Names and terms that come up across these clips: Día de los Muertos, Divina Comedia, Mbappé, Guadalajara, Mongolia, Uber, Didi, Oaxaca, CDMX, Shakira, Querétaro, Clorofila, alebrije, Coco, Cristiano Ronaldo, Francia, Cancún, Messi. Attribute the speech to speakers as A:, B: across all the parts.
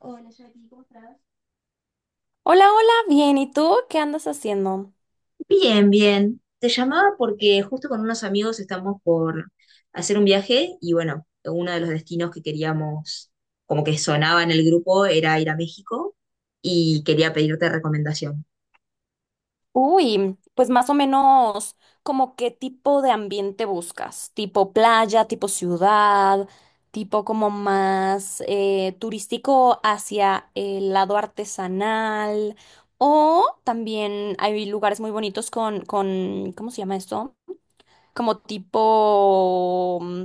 A: Hola, Jackie, ¿cómo estás?
B: Hola, hola, bien. ¿Y tú qué andas haciendo?
A: Bien, bien. Te llamaba porque justo con unos amigos estamos por hacer un viaje y bueno, uno de los destinos que queríamos, como que sonaba en el grupo, era ir a México y quería pedirte recomendación.
B: Uy, pues más o menos como qué tipo de ambiente buscas, tipo playa, tipo ciudad, tipo como más turístico hacia el lado artesanal o también hay lugares muy bonitos con, ¿cómo se llama esto? Como tipo,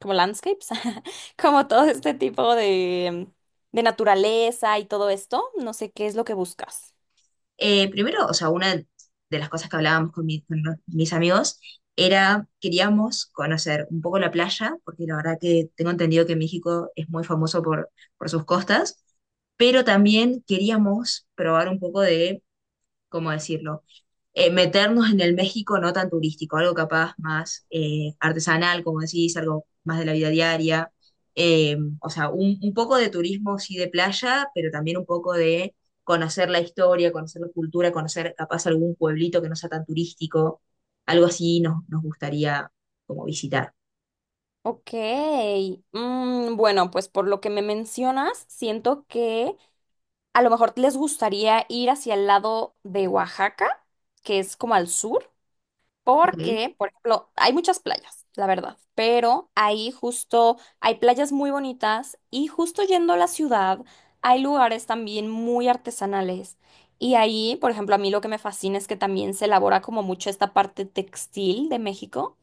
B: como landscapes, como todo este tipo de naturaleza y todo esto. No sé qué es lo que buscas.
A: Primero, o sea, una de las cosas que hablábamos con mis amigos era, queríamos conocer un poco la playa, porque la verdad que tengo entendido que México es muy famoso por sus costas, pero también queríamos probar un poco de ¿cómo decirlo? Meternos en el México no tan turístico, algo capaz más artesanal, como decís, algo más de la vida diaria. Un poco de turismo, sí, de playa, pero también un poco de conocer la historia, conocer la cultura, conocer capaz algún pueblito que no sea tan turístico. Algo así nos gustaría como visitar.
B: Ok, bueno, pues por lo que me mencionas, siento que a lo mejor les gustaría ir hacia el lado de Oaxaca, que es como al sur.
A: Ok,
B: Porque, por ejemplo, hay muchas playas, la verdad, pero ahí justo hay playas muy bonitas y justo yendo a la ciudad hay lugares también muy artesanales. Y ahí, por ejemplo, a mí lo que me fascina es que también se elabora como mucho esta parte textil de México.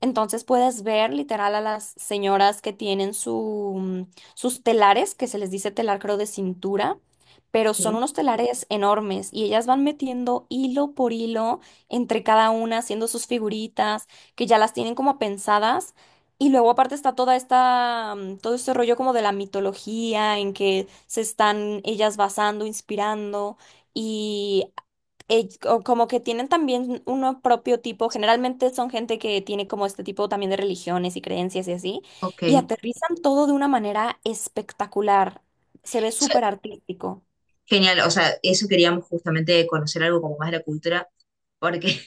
B: Entonces puedes ver literal a las señoras que tienen su, sus telares, que se les dice telar creo de cintura, pero son
A: ¿sí?
B: unos telares enormes y ellas van metiendo hilo por hilo entre cada una, haciendo sus figuritas, que ya las tienen como pensadas. Y luego aparte está toda esta, todo este rollo como de la mitología en que se están ellas basando, inspirando. Y como que tienen también uno propio tipo, generalmente son gente que tiene como este tipo también de religiones y creencias y así,
A: Ok.
B: y
A: Eso
B: aterrizan todo de una manera espectacular, se ve
A: es
B: súper artístico.
A: genial, o sea, eso queríamos justamente conocer algo como más de la cultura, porque,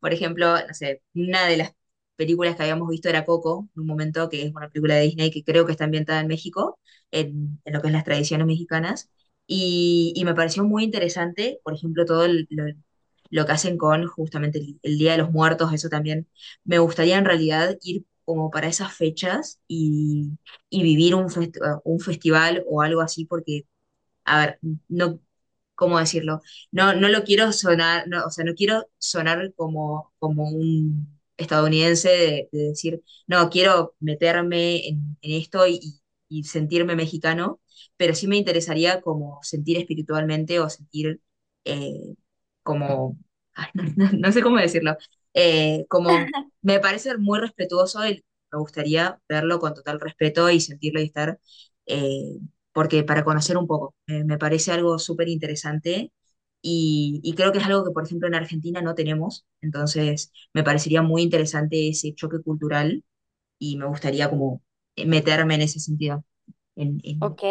A: por ejemplo, no sé, una de las películas que habíamos visto era Coco, en un momento que es una película de Disney que creo que está ambientada en México, en lo que es las tradiciones mexicanas, y me pareció muy interesante, por ejemplo, lo que hacen con justamente el Día de los Muertos, eso también me gustaría en realidad ir como para esas fechas y vivir un festival o algo así, porque, a ver, no, ¿cómo decirlo? No, no lo quiero sonar, no, o sea, no quiero sonar como un estadounidense de decir, no, quiero meterme en esto y sentirme mexicano, pero sí me interesaría como sentir espiritualmente o sentir eh, como, ay, no sé cómo decirlo, como me parece muy respetuoso y me gustaría verlo con total respeto y sentirlo y estar... eh, porque para conocer un poco, me parece algo súper interesante y creo que es algo que, por ejemplo, en Argentina no tenemos, entonces me parecería muy interesante ese choque cultural y me gustaría como meterme en ese sentido, en, en,
B: Ok,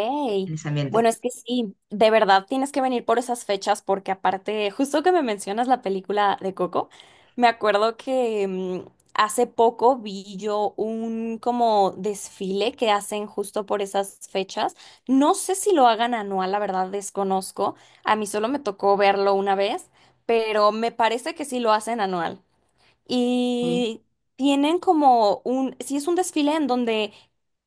A: en ese
B: bueno,
A: ambiente.
B: es que sí, de verdad tienes que venir por esas fechas porque aparte, justo que me mencionas la película de Coco, me acuerdo que hace poco vi yo un como desfile que hacen justo por esas fechas. No sé si lo hagan anual, la verdad desconozco. A mí solo me tocó verlo una vez, pero me parece que sí lo hacen anual
A: Ok,
B: y tienen como un, sí, es un desfile en donde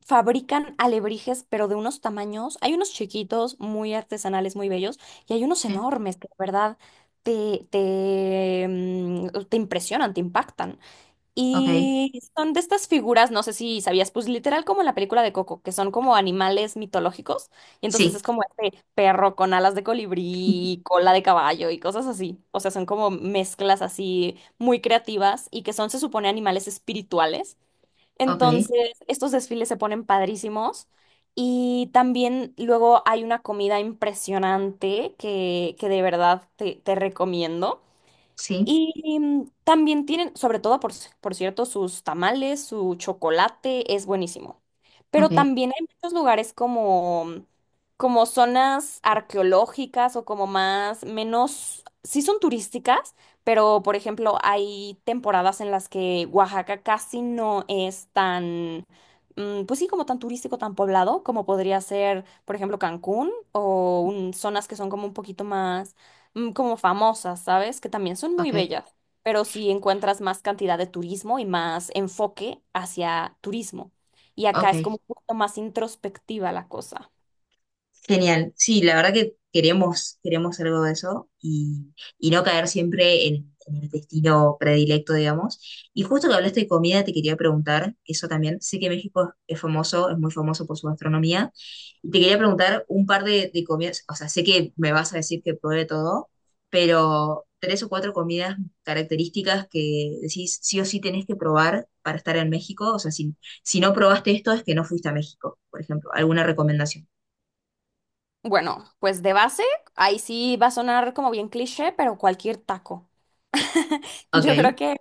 B: fabrican alebrijes, pero de unos tamaños, hay unos chiquitos, muy artesanales, muy bellos, y hay unos
A: sí,
B: enormes que de verdad te impresionan, te impactan.
A: ok,
B: Y son de estas figuras, no sé si sabías, pues literal como en la película de Coco, que son como animales mitológicos. Y entonces
A: sí,
B: es como este perro con alas de colibrí, cola de caballo y cosas así. O sea, son como mezclas así muy creativas y que son, se supone, animales espirituales.
A: ok,
B: Entonces, estos desfiles se ponen padrísimos. Y también luego hay una comida impresionante que de verdad te recomiendo.
A: sí,
B: Y también tienen, sobre todo, por, por cierto, sus tamales, su chocolate es buenísimo.
A: ok,
B: Pero también hay muchos lugares como, como zonas arqueológicas o como más, menos, sí son turísticas, pero por ejemplo hay temporadas en las que Oaxaca casi no es tan, pues sí, como tan turístico, tan poblado, como podría ser, por ejemplo, Cancún o zonas que son como un poquito más como famosas, ¿sabes? Que también son muy
A: ok,
B: bellas, pero sí encuentras más cantidad de turismo y más enfoque hacia turismo. Y acá es
A: ok.
B: como un poco más introspectiva la cosa.
A: Genial. Sí, la verdad que queremos algo de eso y no caer siempre en el destino predilecto, digamos. Y justo que hablaste de comida, te quería preguntar eso también. Sé que México es famoso, es muy famoso por su gastronomía. Y te quería preguntar un par de comidas, o sea, sé que me vas a decir que pruebe todo, pero tres o cuatro comidas características que decís sí o sí tenés que probar para estar en México. O sea, si no probaste esto es que no fuiste a México, por ejemplo. ¿Alguna recomendación?
B: Bueno, pues de base, ahí sí va a sonar como bien cliché, pero cualquier taco. Yo creo
A: Ok.
B: que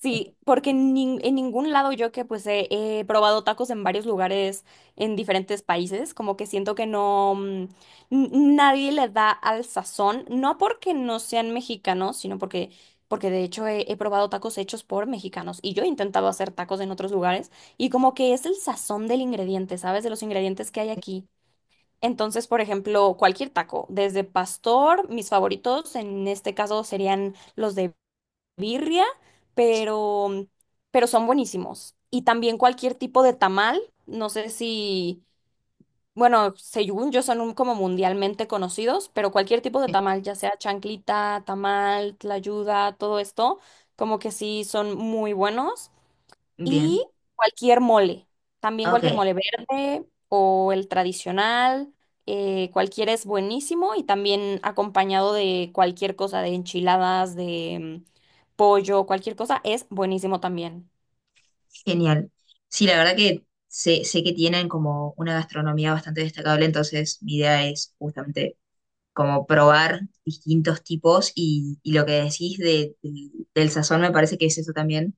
B: sí, porque en, en ningún lado yo que pues he probado tacos en varios lugares en diferentes países, como que siento que no, n- nadie le da al sazón, no porque no sean mexicanos, sino porque, porque de hecho he probado tacos hechos por mexicanos y yo he intentado hacer tacos en otros lugares y como que es el sazón del ingrediente, ¿sabes? De los ingredientes que hay aquí. Entonces, por ejemplo, cualquier taco, desde pastor, mis favoritos en este caso serían los de birria, pero, pero son buenísimos. Y también cualquier tipo de tamal, no sé si, bueno, según yo son como mundialmente conocidos, pero cualquier tipo de tamal, ya sea chanclita, tamal, tlayuda, todo esto, como que sí son muy buenos. Y
A: Bien,
B: cualquier mole, también
A: ok,
B: cualquier mole verde o el tradicional, cualquiera es buenísimo y también acompañado de cualquier cosa, de enchiladas, de pollo, cualquier cosa, es buenísimo también.
A: genial. Sí, la verdad que sé que tienen como una gastronomía bastante destacable, entonces mi idea es justamente como probar distintos tipos y lo que decís del del sazón me parece que es eso también,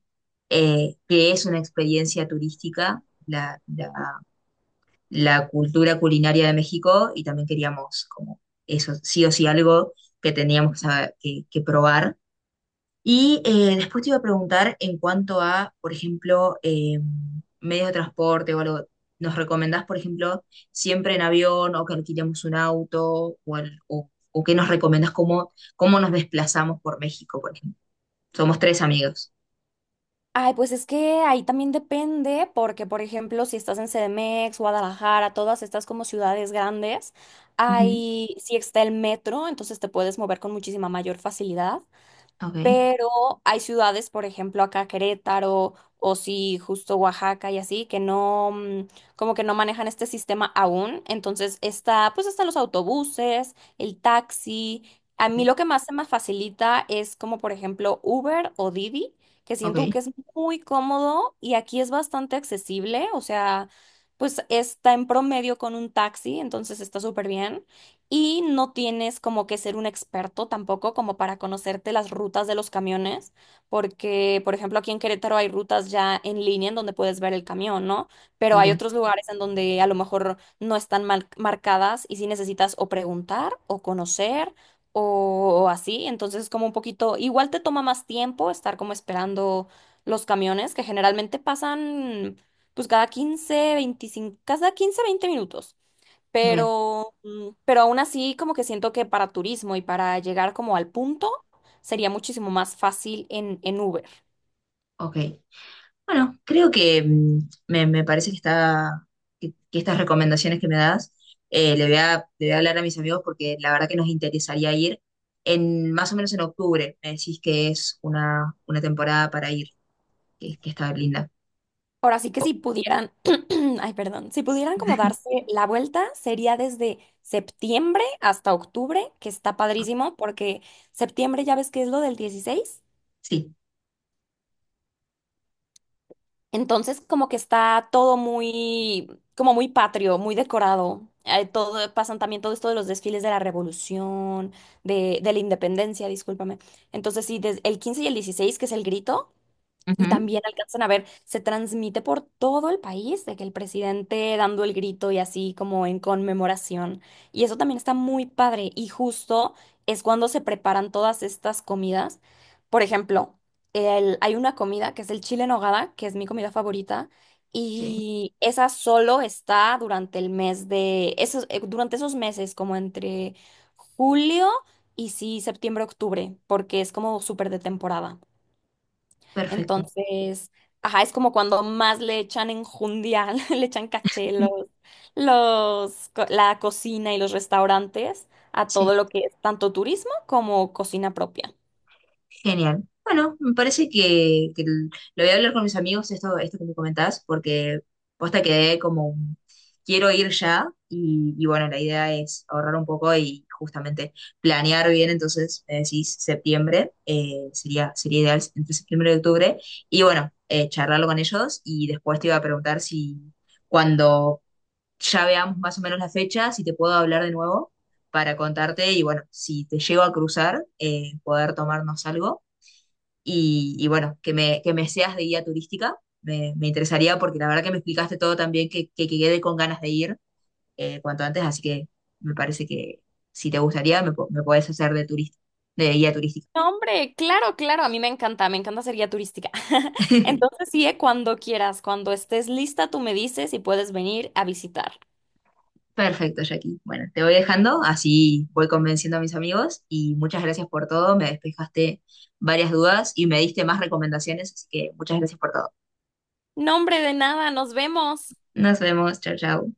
A: que es una experiencia turística, la cultura culinaria de México y también queríamos como eso, sí o sí algo que teníamos que que probar. Y después te iba a preguntar en cuanto a, por ejemplo, medios de transporte o algo. ¿Nos recomendás, por ejemplo, siempre en avión o que alquilemos un auto? ¿O, o qué nos recomendás? Cómo nos desplazamos por México, por ejemplo? Somos tres amigos.
B: Ay, pues es que ahí también depende, porque por ejemplo, si estás en CDMX, Guadalajara, todas estas como ciudades grandes,
A: Ujú,
B: ahí sí está el metro, entonces te puedes mover con muchísima mayor facilidad.
A: ok.
B: Pero hay ciudades, por ejemplo, acá Querétaro o sí, justo Oaxaca y así, que no, como que no manejan este sistema aún. Entonces está, pues están los autobuses, el taxi. A mí
A: Ok,
B: lo que más se me facilita es como, por ejemplo, Uber o Didi, que
A: ok,
B: siento que es muy cómodo y aquí es bastante accesible, o sea, pues está en promedio con un taxi, entonces está súper bien. Y no tienes como que ser un experto tampoco como para conocerte las rutas de los camiones, porque, por ejemplo, aquí en Querétaro hay rutas ya en línea en donde puedes ver el camión, ¿no? Pero hay
A: bien,
B: otros lugares en donde a lo mejor no están marcadas y sí necesitas o preguntar o conocer o así. Entonces es como un poquito, igual te toma más tiempo estar como esperando los camiones que generalmente pasan pues cada 15 25, cada 15 20 minutos.
A: bien,
B: Pero, pero aún así, como que siento que para turismo y para llegar como al punto, sería muchísimo más fácil en Uber.
A: ok. Bueno, creo que me parece que estas recomendaciones que me das, le voy a hablar a mis amigos porque la verdad que nos interesaría ir en más o menos en octubre. Me decís que es una temporada para ir, que está linda.
B: Ahora sí que si pudieran, ay, perdón, si pudieran como darse la vuelta, sería desde septiembre hasta octubre, que está padrísimo, porque septiembre ya ves que es lo del 16.
A: Sí.
B: Entonces, como que está todo muy, como muy patrio, muy decorado. Todo, pasan también todo esto de los desfiles de la Revolución, de la Independencia, discúlpame. Entonces, sí, el 15 y el 16 que es el grito. Y
A: Ujú.
B: también alcanzan a ver, se transmite por todo el país de que el presidente dando el grito y así como en conmemoración. Y eso también está muy padre. Y justo es cuando se preparan todas estas comidas. Por ejemplo, hay una comida que es el chile en nogada, que es mi comida favorita.
A: Sí,
B: Y esa solo está durante el mes de, esos, durante esos meses, como entre julio y sí, septiembre, octubre, porque es como súper de temporada.
A: perfecto.
B: Entonces, ajá, es como cuando más le echan enjundia, le echan caché la cocina y los restaurantes a todo
A: Sí.
B: lo que es tanto turismo como cocina propia.
A: Genial. Bueno, me parece que lo voy a hablar con mis amigos, esto que me comentás, porque posta quedé quiero ir ya y bueno, la idea es ahorrar un poco y justamente planear bien, entonces me decís septiembre, sería ideal entre septiembre y octubre, y bueno, charlarlo con ellos y después te iba a preguntar si cuando ya veamos más o menos la fecha, si te puedo hablar de nuevo para contarte y bueno, si te llego a cruzar, poder tomarnos algo y bueno, que me seas de guía turística, me interesaría porque la verdad que me explicaste todo también, que quedé con ganas de ir cuanto antes, así que me parece que si te gustaría me puedes hacer de guía turística.
B: No, hombre, claro, claro, a mí me encanta ser guía turística. Entonces, sí, cuando quieras, cuando estés lista, tú me dices y puedes venir a visitar.
A: Perfecto, Jackie. Bueno, te voy dejando, así voy convenciendo a mis amigos y muchas gracias por todo, me despejaste varias dudas y me diste más recomendaciones, así que muchas gracias por todo.
B: No, hombre, de nada, nos vemos.
A: Nos vemos, chao, chao.